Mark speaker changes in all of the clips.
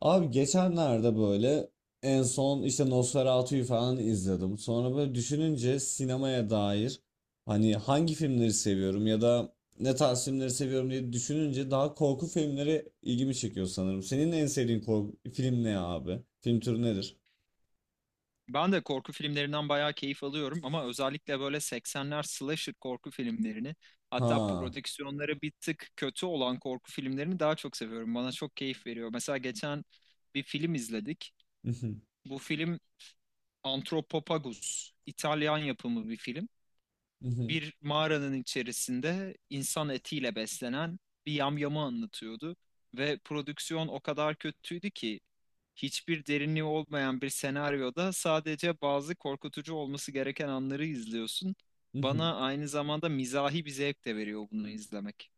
Speaker 1: Abi geçenlerde böyle en son işte Nosferatu'yu falan izledim. Sonra böyle düşününce sinemaya dair hani hangi filmleri seviyorum ya da ne tarz filmleri seviyorum diye düşününce daha korku filmleri ilgimi çekiyor sanırım. Senin en sevdiğin korku film ne abi? Film türü nedir?
Speaker 2: Ben de korku filmlerinden bayağı keyif alıyorum ama özellikle böyle 80'ler slasher korku filmlerini hatta
Speaker 1: Ha.
Speaker 2: prodüksiyonları bir tık kötü olan korku filmlerini daha çok seviyorum. Bana çok keyif veriyor. Mesela geçen bir film izledik. Bu film Antropopagus, İtalyan yapımı bir film, bir mağaranın içerisinde insan etiyle beslenen bir yamyamı anlatıyordu. Ve prodüksiyon o kadar kötüydü ki hiçbir derinliği olmayan bir senaryoda sadece bazı korkutucu olması gereken anları izliyorsun. Bana aynı zamanda mizahi bir zevk de veriyor bunu izlemek.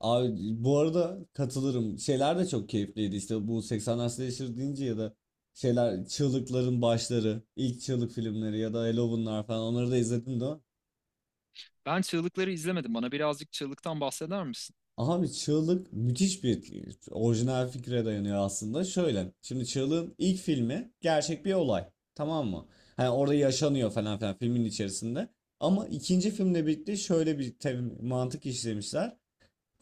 Speaker 1: Abi bu arada katılırım. Şeyler de çok keyifliydi. İşte bu 80'ler slasher deyince ya da şeyler çığlıkların başları, ilk çığlık filmleri ya da Halloween'lar falan onları da izledim de.
Speaker 2: Ben çığlıkları izlemedim. Bana birazcık çığlıktan bahseder misin?
Speaker 1: Abi çığlık müthiş bir orijinal fikre dayanıyor aslında. Şöyle. Şimdi çığlığın ilk filmi gerçek bir olay. Tamam mı? Hani orada yaşanıyor falan filan filmin içerisinde. Ama ikinci filmle birlikte şöyle bir mantık işlemişler.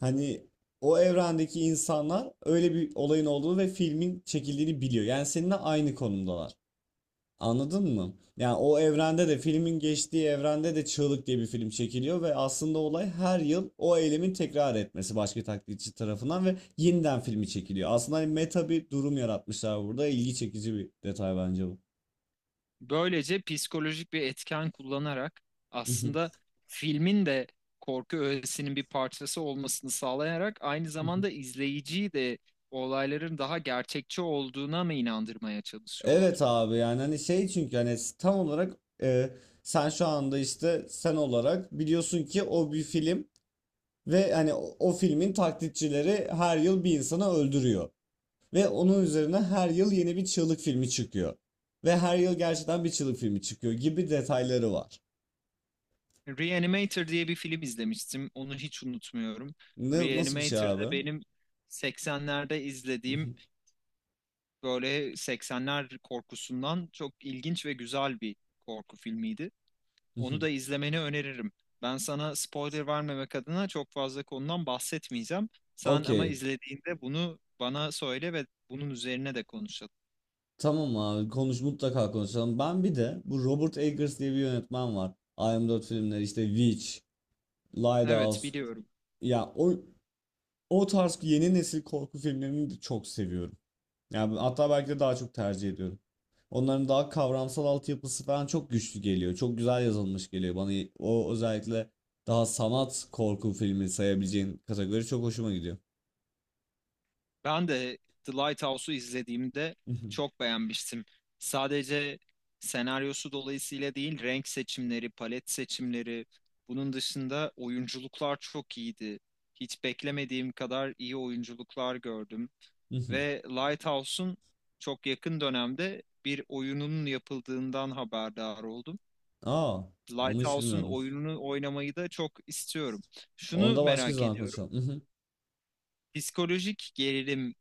Speaker 1: Hani o evrendeki insanlar öyle bir olayın olduğunu ve filmin çekildiğini biliyor. Yani seninle aynı konumdalar. Anladın mı? Yani o evrende de filmin geçtiği evrende de Çığlık diye bir film çekiliyor ve aslında olay her yıl o eylemin tekrar etmesi başka taklitçi tarafından ve yeniden filmi çekiliyor. Aslında hani meta bir durum yaratmışlar burada. İlgi çekici bir detay bence bu.
Speaker 2: Böylece psikolojik bir etken kullanarak aslında filmin de korku öğesinin bir parçası olmasını sağlayarak aynı zamanda izleyiciyi de olayların daha gerçekçi olduğuna mı inandırmaya
Speaker 1: Evet
Speaker 2: çalışıyorlar?
Speaker 1: abi yani hani şey çünkü hani tam olarak e, sen şu anda işte sen olarak biliyorsun ki o bir film. Ve hani o filmin taklitçileri her yıl bir insanı öldürüyor. Ve onun üzerine her yıl yeni bir çığlık filmi çıkıyor. Ve her yıl gerçekten bir çığlık filmi çıkıyor gibi detayları var.
Speaker 2: Reanimator diye bir film izlemiştim. Onu hiç unutmuyorum.
Speaker 1: Ne, nasıl bir şey
Speaker 2: Reanimator'da
Speaker 1: abi?
Speaker 2: benim 80'lerde izlediğim böyle 80'ler korkusundan çok ilginç ve güzel bir korku filmiydi. Onu da izlemeni öneririm. Ben sana spoiler vermemek adına çok fazla konudan bahsetmeyeceğim. Sen ama
Speaker 1: Okey.
Speaker 2: izlediğinde bunu bana söyle ve bunun üzerine de konuşalım.
Speaker 1: Tamam abi konuş mutlaka konuşalım. Ben bir de bu Robert Eggers diye bir yönetmen var. I Am 4 filmleri işte Witch,
Speaker 2: Evet,
Speaker 1: Lighthouse.
Speaker 2: biliyorum.
Speaker 1: Ya o tarz yeni nesil korku filmlerini de çok seviyorum. Yani hatta belki de daha çok tercih ediyorum. Onların daha kavramsal altyapısı falan çok güçlü geliyor. Çok güzel yazılmış geliyor bana. O özellikle daha sanat korku filmi sayabileceğin kategori çok hoşuma gidiyor.
Speaker 2: Ben de The Lighthouse'u izlediğimde çok beğenmiştim. Sadece senaryosu dolayısıyla değil, renk seçimleri, palet seçimleri, bunun dışında oyunculuklar çok iyiydi. Hiç beklemediğim kadar iyi oyunculuklar gördüm. Ve Lighthouse'un çok yakın dönemde bir oyununun yapıldığından haberdar oldum.
Speaker 1: Aa, onu hiç
Speaker 2: Lighthouse'un
Speaker 1: bilmiyordum.
Speaker 2: oyununu oynamayı da çok istiyorum.
Speaker 1: Onu
Speaker 2: Şunu
Speaker 1: da başka
Speaker 2: merak
Speaker 1: zaman
Speaker 2: ediyorum.
Speaker 1: konuşalım.
Speaker 2: Psikolojik gerilim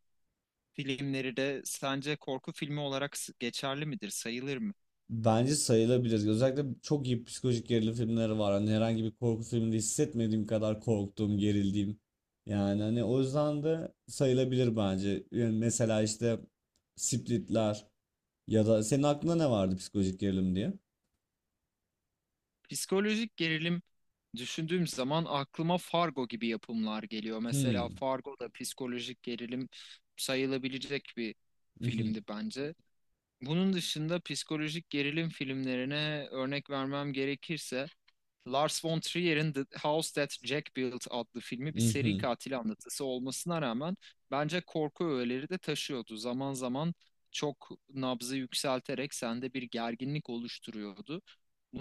Speaker 2: filmleri de sence korku filmi olarak geçerli midir, sayılır mı?
Speaker 1: Bence sayılabilir. Özellikle çok iyi psikolojik gerilim filmleri var. Hani herhangi bir korku filminde hissetmediğim kadar korktuğum, gerildiğim. Yani hani o yüzden de sayılabilir bence. Yani mesela işte Splitler. Ya da senin aklında ne vardı psikolojik gerilim diye?
Speaker 2: Psikolojik gerilim düşündüğüm zaman aklıma Fargo gibi yapımlar geliyor. Mesela
Speaker 1: Hmm.
Speaker 2: Fargo da psikolojik gerilim sayılabilecek bir
Speaker 1: Mhm,
Speaker 2: filmdi bence. Bunun dışında psikolojik gerilim filmlerine örnek vermem gerekirse Lars von Trier'in The House That Jack Built adlı filmi bir seri
Speaker 1: mhm,
Speaker 2: katil anlatısı olmasına rağmen bence korku öğeleri de taşıyordu. Zaman zaman çok nabzı yükselterek sende bir gerginlik oluşturuyordu.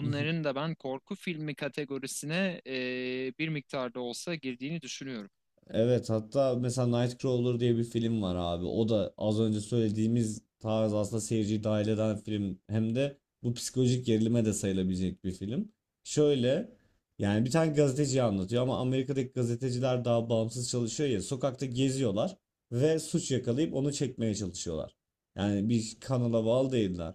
Speaker 1: mhm.
Speaker 2: da ben korku filmi kategorisine bir miktarda olsa girdiğini düşünüyorum.
Speaker 1: Evet hatta mesela Nightcrawler diye bir film var abi. O da az önce söylediğimiz tarz aslında seyirciyi dahil eden film. Hem de bu psikolojik gerilime de sayılabilecek bir film. Şöyle yani bir tane gazeteciyi anlatıyor ama Amerika'daki gazeteciler daha bağımsız çalışıyor ya. Sokakta geziyorlar ve suç yakalayıp onu çekmeye çalışıyorlar. Yani bir kanala bağlı değiller.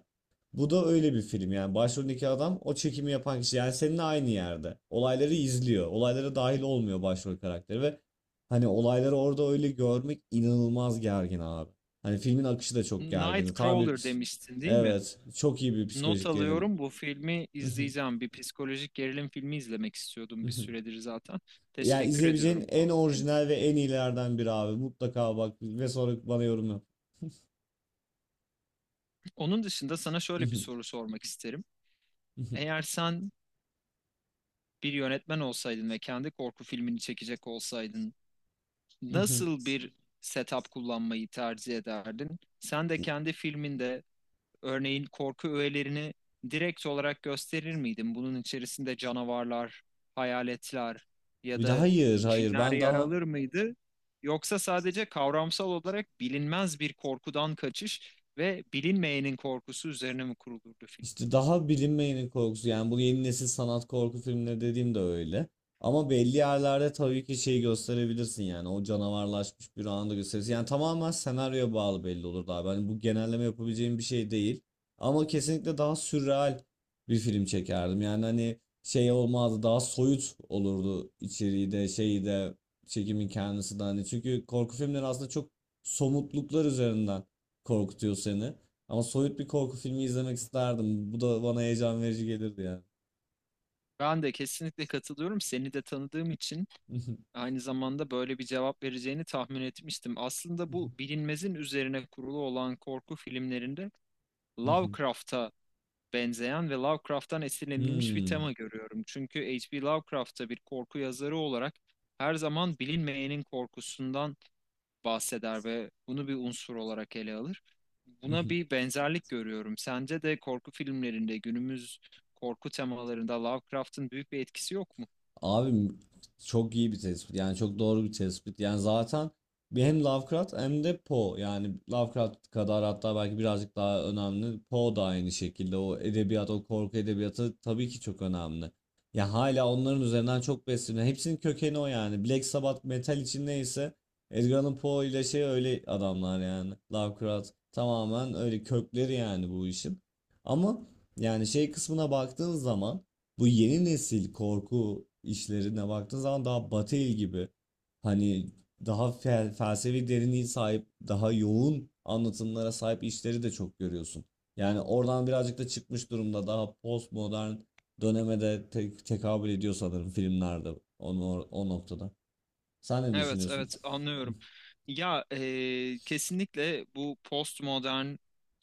Speaker 1: Bu da öyle bir film yani başroldeki adam o çekimi yapan kişi yani seninle aynı yerde. Olayları izliyor. Olaylara dahil olmuyor başrol karakteri ve hani olayları orada öyle görmek inanılmaz gergin abi. Hani filmin akışı da çok gergindi. Tam bir
Speaker 2: Nightcrawler
Speaker 1: pis-
Speaker 2: demiştin değil mi?
Speaker 1: Evet, çok iyi bir
Speaker 2: Not
Speaker 1: psikolojik gerilim.
Speaker 2: alıyorum. Bu filmi izleyeceğim. Bir psikolojik gerilim filmi izlemek istiyordum bir süredir zaten.
Speaker 1: Yani
Speaker 2: Teşekkür
Speaker 1: izleyebileceğin
Speaker 2: ediyorum
Speaker 1: en
Speaker 2: tavsiyeniz.
Speaker 1: orijinal ve en iyilerden biri abi. Mutlaka bak ve sonra bana yorum yap.
Speaker 2: Onun dışında sana şöyle bir soru sormak isterim. Eğer sen bir yönetmen olsaydın ve kendi korku filmini çekecek olsaydın, nasıl bir setup kullanmayı tercih ederdin? Sen de kendi filminde örneğin korku öğelerini direkt olarak gösterir miydin? Bunun içerisinde canavarlar, hayaletler ya
Speaker 1: Bir de
Speaker 2: da
Speaker 1: hayır, hayır.
Speaker 2: cinler
Speaker 1: Ben
Speaker 2: yer
Speaker 1: daha
Speaker 2: alır mıydı? Yoksa sadece kavramsal olarak bilinmez bir korkudan kaçış ve bilinmeyenin korkusu üzerine mi kurulurdu film?
Speaker 1: İşte daha bilinmeyenin korkusu yani bu yeni nesil sanat korku filmleri dediğim de öyle. Ama belli yerlerde tabii ki şeyi gösterebilirsin yani o canavarlaşmış bir anda da gösterirsin. Yani tamamen senaryoya bağlı belli olur abi. Hani bu genelleme yapabileceğim bir şey değil. Ama kesinlikle daha sürreal bir film çekerdim. Yani hani şey olmazdı daha soyut olurdu içeriği de şeyi de çekimin kendisi de hani. Çünkü korku filmleri aslında çok somutluklar üzerinden korkutuyor seni. Ama soyut bir korku filmi izlemek isterdim. Bu da bana heyecan verici gelirdi yani.
Speaker 2: Ben de kesinlikle katılıyorum. Seni de tanıdığım için aynı zamanda böyle bir cevap vereceğini tahmin etmiştim. Aslında bu bilinmezin üzerine kurulu olan korku filmlerinde Lovecraft'a benzeyen ve Lovecraft'tan esinlenilmiş bir
Speaker 1: Hmm.
Speaker 2: tema görüyorum. Çünkü H.P. Lovecraft'ta bir korku yazarı olarak her zaman bilinmeyenin korkusundan bahseder ve bunu bir unsur olarak ele alır. Buna bir benzerlik görüyorum. Sence de korku filmlerinde günümüz korku temalarında Lovecraft'ın büyük bir etkisi yok mu?
Speaker 1: Abi çok iyi bir tespit. Yani çok doğru bir tespit. Yani zaten bir hem Lovecraft hem de Poe. Yani Lovecraft kadar hatta belki birazcık daha önemli. Poe da aynı şekilde. O edebiyat, o korku edebiyatı tabii ki çok önemli. Ya hala onların üzerinden çok besleniyor. Hepsinin kökeni o yani. Black Sabbath metal için neyse Edgar Allan Poe ile şey öyle adamlar yani. Lovecraft tamamen öyle kökleri yani bu işin. Ama yani şey kısmına baktığın zaman bu yeni nesil korku işlerine baktığın zaman daha Batı el gibi hani daha felsefi derinliği sahip daha yoğun anlatımlara sahip işleri de çok görüyorsun. Yani oradan birazcık da çıkmış durumda daha postmodern döneme de tekabül ediyor sanırım filmlerde onu o noktada. Sen ne
Speaker 2: Evet,
Speaker 1: düşünüyorsun?
Speaker 2: evet anlıyorum. Kesinlikle bu postmodern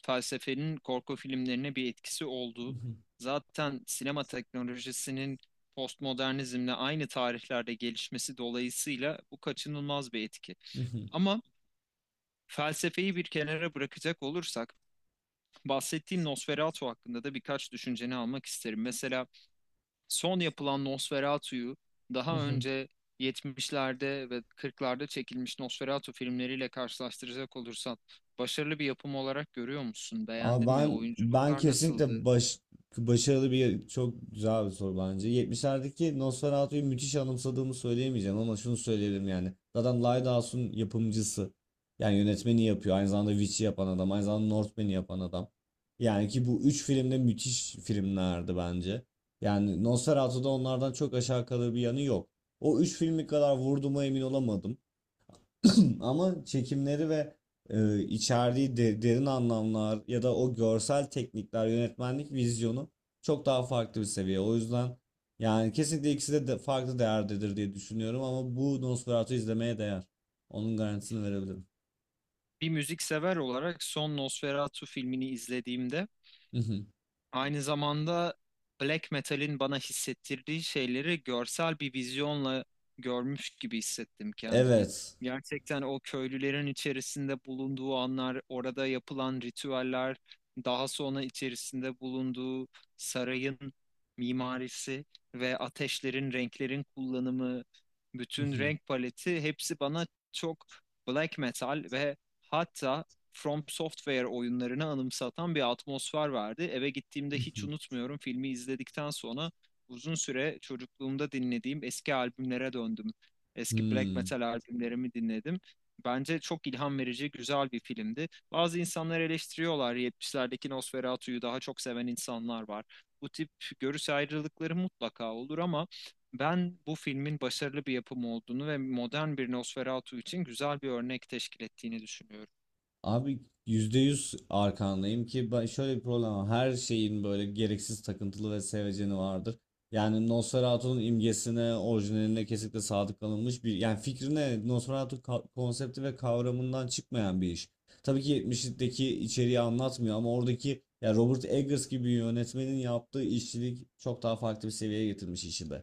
Speaker 2: felsefenin korku filmlerine bir etkisi oldu. Zaten sinema teknolojisinin postmodernizmle aynı tarihlerde gelişmesi dolayısıyla bu kaçınılmaz bir etki. Ama felsefeyi bir kenara bırakacak olursak bahsettiğin Nosferatu hakkında da birkaç düşünceni almak isterim. Mesela son yapılan Nosferatu'yu daha önce 70'lerde ve 40'larda çekilmiş Nosferatu filmleriyle karşılaştıracak olursan başarılı bir yapım olarak görüyor musun?
Speaker 1: Ama
Speaker 2: Beğendin mi?
Speaker 1: ben
Speaker 2: Oyunculuklar nasıldı?
Speaker 1: kesinlikle başarılı bir çok güzel bir soru bence. 70'lerdeki Nosferatu'yu müthiş anımsadığımı söyleyemeyeceğim ama şunu söyleyebilirim yani. Zaten Lighthouse'un yapımcısı. Yani yönetmeni yapıyor. Aynı zamanda Witch'i yapan adam. Aynı zamanda Northman'i yapan adam. Yani ki bu üç filmde müthiş filmlerdi bence. Yani Nosferatu'da onlardan çok aşağı kalır bir yanı yok. O üç filmi kadar vurduğuma emin olamadım. Ama çekimleri ve içeriği derin anlamlar ya da o görsel teknikler, yönetmenlik vizyonu çok daha farklı bir seviye. O yüzden yani kesinlikle ikisi de farklı değerdedir diye düşünüyorum ama bu Nosferatu izlemeye değer. Onun garantisini verebilirim.
Speaker 2: Bir müzik sever olarak son Nosferatu filmini izlediğimde aynı zamanda black metal'in bana hissettirdiği şeyleri görsel bir vizyonla görmüş gibi hissettim kendimi.
Speaker 1: Evet.
Speaker 2: Gerçekten o köylülerin içerisinde bulunduğu anlar, orada yapılan ritüeller, daha sonra içerisinde bulunduğu sarayın mimarisi ve ateşlerin, renklerin kullanımı, bütün renk paleti hepsi bana çok black metal ve hatta From Software oyunlarını anımsatan bir atmosfer vardı. Eve gittiğimde hiç unutmuyorum, filmi izledikten sonra uzun süre çocukluğumda dinlediğim eski albümlere döndüm. Eski black
Speaker 1: Hmm.
Speaker 2: metal albümlerimi dinledim. Bence çok ilham verici, güzel bir filmdi. Bazı insanlar eleştiriyorlar. 70'lerdeki Nosferatu'yu daha çok seven insanlar var. Bu tip görüş ayrılıkları mutlaka olur ama ben bu filmin başarılı bir yapım olduğunu ve modern bir Nosferatu için güzel bir örnek teşkil ettiğini düşünüyorum.
Speaker 1: Abi %100 arkandayım ki ben şöyle bir problem var. Her şeyin böyle gereksiz takıntılı ve seveceni vardır. Yani Nosferatu'nun imgesine, orijinaline kesinlikle sadık kalınmış bir yani fikrine Nosferatu konsepti ve kavramından çıkmayan bir iş. Tabii ki 70'deki içeriği anlatmıyor ama oradaki ya Robert Eggers gibi yönetmenin yaptığı işçilik çok daha farklı bir seviyeye getirmiş işi de.